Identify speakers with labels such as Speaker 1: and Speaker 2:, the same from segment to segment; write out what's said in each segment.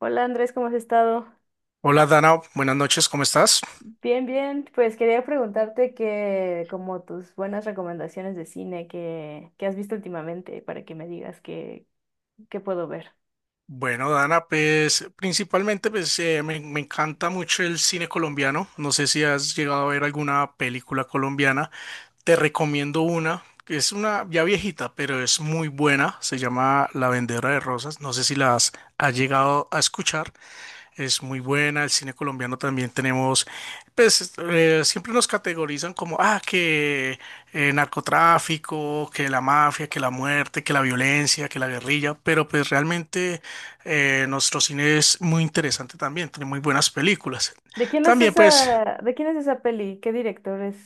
Speaker 1: Hola Andrés, ¿cómo has estado?
Speaker 2: Hola Dana, buenas noches, ¿cómo estás?
Speaker 1: Bien, bien. Pues quería preguntarte como tus buenas recomendaciones de cine que has visto últimamente para que me digas qué puedo ver.
Speaker 2: Bueno, Dana, pues principalmente me encanta mucho el cine colombiano. No sé si has llegado a ver alguna película colombiana. Te recomiendo una, que es una ya viejita, pero es muy buena. Se llama La Vendedora de Rosas. No sé si las has llegado a escuchar. Es muy buena. El cine colombiano también tenemos, siempre nos categorizan como, ah, que narcotráfico, que la mafia, que la muerte, que la violencia, que la guerrilla, pero pues realmente nuestro cine es muy interesante también, tiene muy buenas películas.
Speaker 1: ¿De quién es
Speaker 2: También pues
Speaker 1: esa, de quién es esa peli? ¿Qué director es?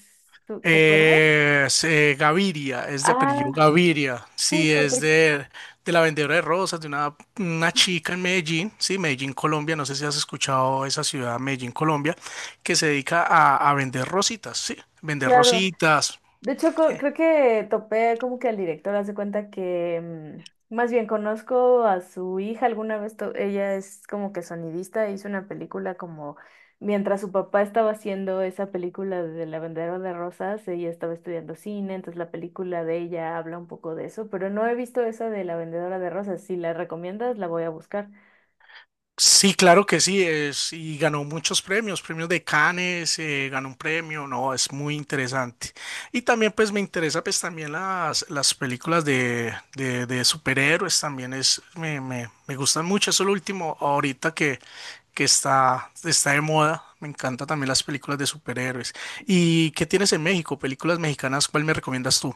Speaker 1: ¿Tú te acuerdas?
Speaker 2: eh, es, eh, Gaviria, es de apellido
Speaker 1: Ah,
Speaker 2: Gaviria, sí,
Speaker 1: justo, porque,
Speaker 2: de la vendedora de rosas, de una chica en Medellín, sí, Medellín, Colombia, no sé si has escuchado esa ciudad, Medellín, Colombia, que se dedica a vender
Speaker 1: claro.
Speaker 2: rositas.
Speaker 1: De hecho,
Speaker 2: eh,
Speaker 1: creo que topé como que al director hace cuenta que más bien conozco a su hija alguna vez, ella es como que sonidista, hizo una película como mientras su papá estaba haciendo esa película de La Vendedora de Rosas, ella estaba estudiando cine, entonces la película de ella habla un poco de eso, pero no he visto esa de La Vendedora de Rosas, si la recomiendas la voy a buscar.
Speaker 2: Sí, claro que sí, es, y ganó muchos premios, premios de Cannes, ganó un premio, no, es muy interesante. Y también pues me interesa pues también las películas de superhéroes, también me gustan mucho, eso es lo último ahorita que está, está de moda, me encantan también las películas de superhéroes. ¿Y qué tienes en México? Películas mexicanas, ¿cuál me recomiendas tú?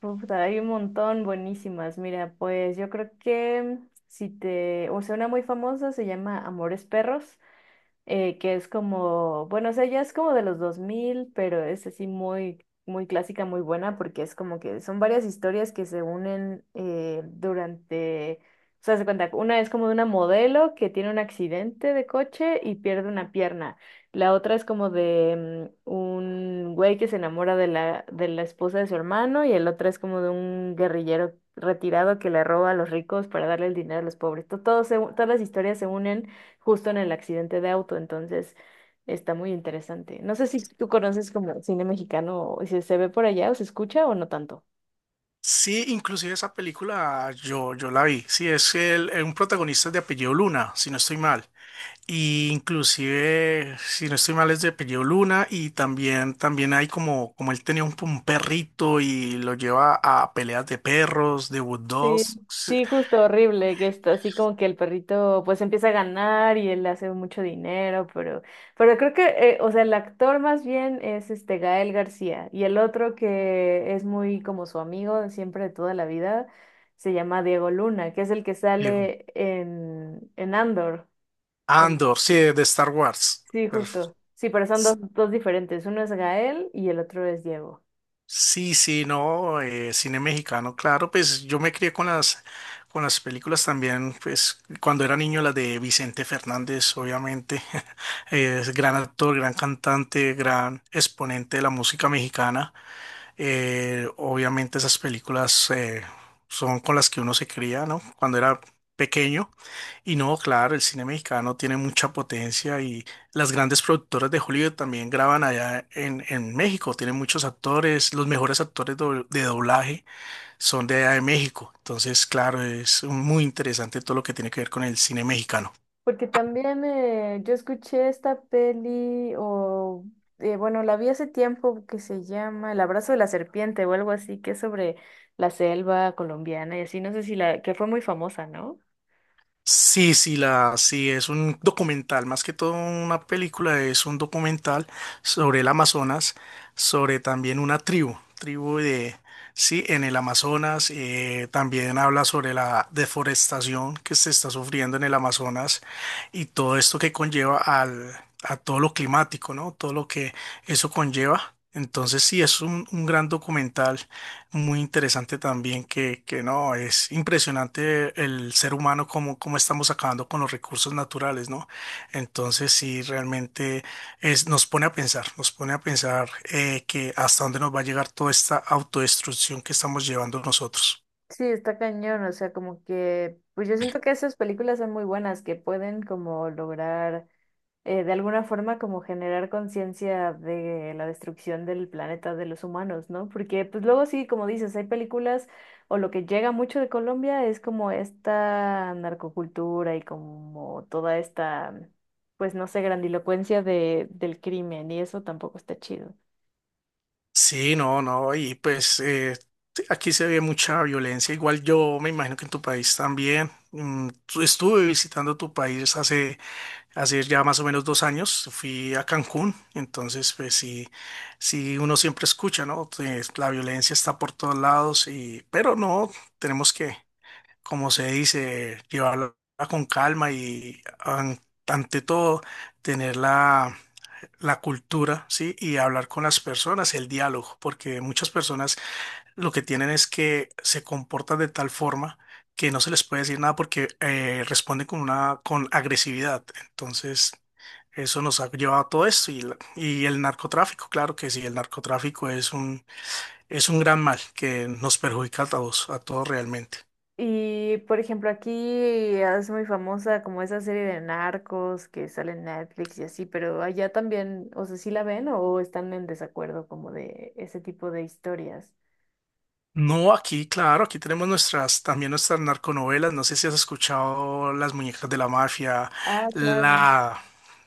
Speaker 1: Puta, hay un montón buenísimas. Mira, pues yo creo que si te, o sea, una muy famosa se llama Amores Perros. Que es como, bueno, o sea, ya es como de los dos mil, pero es así muy, muy clásica, muy buena, porque es como que son varias historias que se unen durante, o sea, se cuenta, una es como de una modelo que tiene un accidente de coche y pierde una pierna, la otra es como de un güey que se enamora de la esposa de su hermano, y el otro es como de un guerrillero retirado que le roba a los ricos para darle el dinero a los pobres. Todas las historias se unen justo en el accidente de auto, entonces está muy interesante. No sé si tú conoces como cine mexicano, o si se ve por allá o se escucha o no tanto.
Speaker 2: Sí, inclusive esa película yo la vi. Sí, es un protagonista de apellido Luna, si no estoy mal. Y inclusive, si no estoy mal, es de apellido Luna y también, también hay como, como él tenía un perrito y lo lleva a peleas de perros, de Wood
Speaker 1: Sí,
Speaker 2: Dogs. Sí,
Speaker 1: sí, justo horrible, que está así como que el perrito pues empieza a ganar y él hace mucho dinero, pero creo que, o sea, el actor más bien es este Gael García, y el otro que es muy como su amigo de siempre de toda la vida se llama Diego Luna, que es el que
Speaker 2: Diego.
Speaker 1: sale en Andor.
Speaker 2: Andor, sí, de Star Wars.
Speaker 1: Sí,
Speaker 2: Perfecto.
Speaker 1: justo. Sí, pero son dos, dos diferentes. Uno es Gael y el otro es Diego.
Speaker 2: Sí, sí, no, cine mexicano, claro, pues yo me crié con con las películas también, pues cuando era niño las de Vicente Fernández, obviamente, es gran actor, gran cantante, gran exponente de la música mexicana. Obviamente esas películas son con las que uno se cría, ¿no? Cuando era pequeño. Y no, claro, el cine mexicano tiene mucha potencia y las grandes productoras de Hollywood también graban allá en México. Tienen muchos actores, los mejores de doblaje son de allá de México. Entonces, claro, es muy interesante todo lo que tiene que ver con el cine mexicano.
Speaker 1: Porque también yo escuché esta peli, o bueno, la vi hace tiempo, que se llama El abrazo de la serpiente o algo así, que es sobre la selva colombiana y así, no sé si la, que fue muy famosa, ¿no?
Speaker 2: Sí, es un documental, más que todo una película, es un documental sobre el Amazonas, sobre también una tribu, sí, en el Amazonas, también habla sobre la deforestación que se está sufriendo en el Amazonas y todo esto que conlleva a todo lo climático, ¿no? Todo lo que eso conlleva. Entonces, sí, es un gran documental. Muy interesante también que no, es impresionante el ser humano como estamos acabando con los recursos naturales, ¿no? Entonces sí, realmente es, nos pone a pensar, nos pone a pensar que hasta dónde nos va a llegar toda esta autodestrucción que estamos llevando nosotros.
Speaker 1: Sí, está cañón, o sea, como que, pues yo siento que esas películas son muy buenas, que pueden como lograr de alguna forma como generar conciencia de la destrucción del planeta de los humanos, ¿no? Porque pues luego sí, como dices, hay películas o lo que llega mucho de Colombia es como esta narcocultura y como toda esta, pues no sé, grandilocuencia de, del crimen, y eso tampoco está chido.
Speaker 2: Sí, no, no, y sí, aquí se ve mucha violencia. Igual yo me imagino que en tu país también. Estuve visitando tu país hace ya más o menos dos años, fui a Cancún, entonces pues sí, sí uno siempre escucha, ¿no? Pues la violencia está por todos lados y, pero no, tenemos que, como se dice, llevarla con calma y ante todo tener la cultura, ¿sí? Y hablar con las personas, el diálogo, porque muchas personas lo que tienen es que se comportan de tal forma que no se les puede decir nada porque responden con una con agresividad. Entonces, eso nos ha llevado a todo esto y y el narcotráfico, claro que sí, el narcotráfico es un gran mal que nos perjudica a todos realmente.
Speaker 1: Y por ejemplo, aquí es muy famosa como esa serie de narcos que sale en Netflix y así, pero allá también, o sea, ¿sí la ven o están en desacuerdo como de ese tipo de historias?
Speaker 2: No, aquí, claro, aquí tenemos también nuestras narconovelas. No sé si has escuchado Las Muñecas de la Mafia,
Speaker 1: Ah, claro.
Speaker 2: la,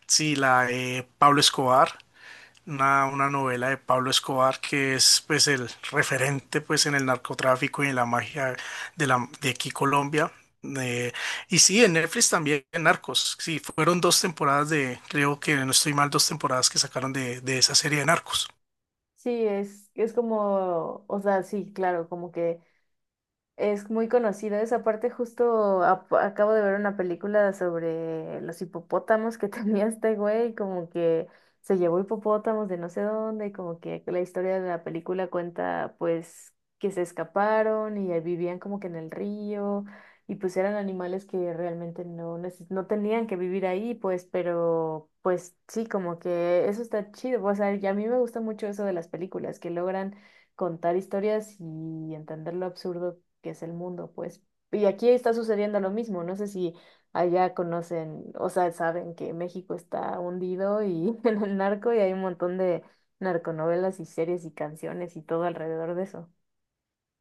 Speaker 2: sí, la de Pablo Escobar. Una novela de Pablo Escobar que es pues el referente pues en el narcotráfico y en la magia de aquí Colombia. Eh, y sí, en Netflix también en Narcos. Sí, fueron dos temporadas de, creo que no estoy mal, dos temporadas que sacaron de esa serie de Narcos.
Speaker 1: Sí, es como, o sea, sí, claro, como que es muy conocido esa parte, justo acabo de ver una película sobre los hipopótamos que tenía este güey, como que se llevó hipopótamos de no sé dónde, y como que la historia de la película cuenta pues que se escaparon y ahí vivían como que en el río, y pues eran animales que realmente no, no tenían que vivir ahí, pues, pero pues sí, como que eso está chido, o sea, y a mí me gusta mucho eso de las películas, que logran contar historias y entender lo absurdo que es el mundo, pues. Y aquí está sucediendo lo mismo, no sé si allá conocen, o sea, saben que México está hundido y en el narco, y hay un montón de narconovelas y series y canciones y todo alrededor de eso.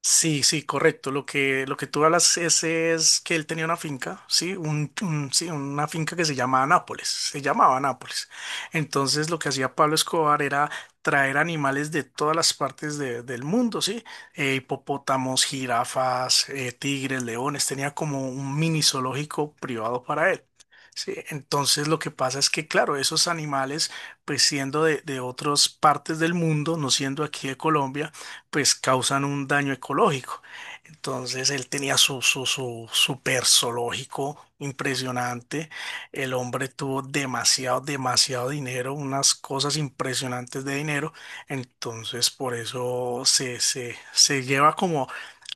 Speaker 2: Sí, sí, correcto. Lo que tú hablas es que él tenía una finca, sí, sí, una finca que se llamaba Nápoles, se llamaba Nápoles. Entonces lo que hacía Pablo Escobar era traer animales de todas del mundo, sí. Hipopótamos, jirafas, tigres, leones, tenía como un mini zoológico privado para él. Sí, entonces lo que pasa es que, claro, esos animales, pues siendo de otras partes del mundo, no siendo aquí de Colombia, pues causan un daño ecológico. Entonces él tenía su super zoológico impresionante. El hombre tuvo demasiado, demasiado dinero, unas cosas impresionantes de dinero. Entonces por eso se lleva como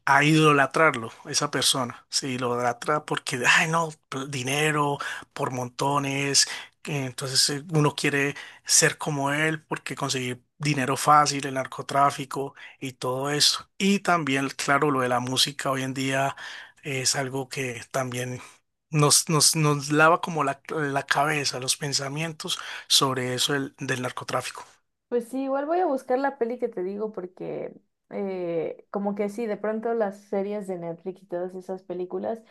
Speaker 2: a idolatrarlo, esa persona. Se idolatra porque, ay, no, dinero por montones. Que Entonces uno quiere ser como él porque conseguir dinero fácil, el narcotráfico y todo eso. Y también, claro, lo de la música hoy en día es algo que también nos lava como la cabeza, los pensamientos sobre eso del narcotráfico.
Speaker 1: Pues sí, igual voy a buscar la peli que te digo, porque como que sí, de pronto las series de Netflix y todas esas películas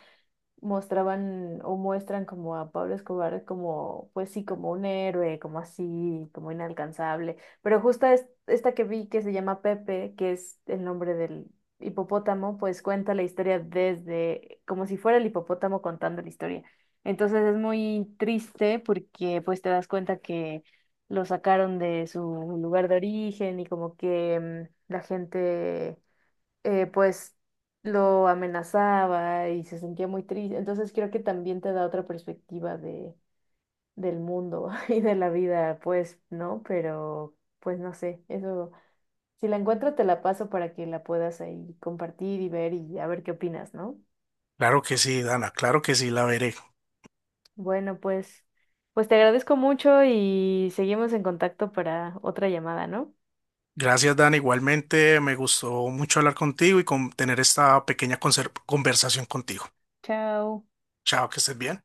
Speaker 1: mostraban o muestran como a Pablo Escobar como, pues sí, como un héroe, como así, como inalcanzable. Pero justo esta que vi que se llama Pepe, que es el nombre del hipopótamo, pues cuenta la historia desde, como si fuera el hipopótamo contando la historia. Entonces es muy triste, porque pues te das cuenta que lo sacaron de su lugar de origen, y como que la gente pues lo amenazaba y se sentía muy triste. Entonces creo que también te da otra perspectiva de, del mundo y de la vida, pues, ¿no? Pero pues no sé, eso, si la encuentro te la paso para que la puedas ahí compartir y ver, y a ver qué opinas, ¿no?
Speaker 2: Claro que sí, Dana, claro que sí, la veré.
Speaker 1: Bueno, pues, pues te agradezco mucho y seguimos en contacto para otra llamada, ¿no?
Speaker 2: Gracias, Dan. Igualmente, me gustó mucho hablar contigo y con tener esta pequeña conversación contigo.
Speaker 1: Chao.
Speaker 2: Chao, que estés bien.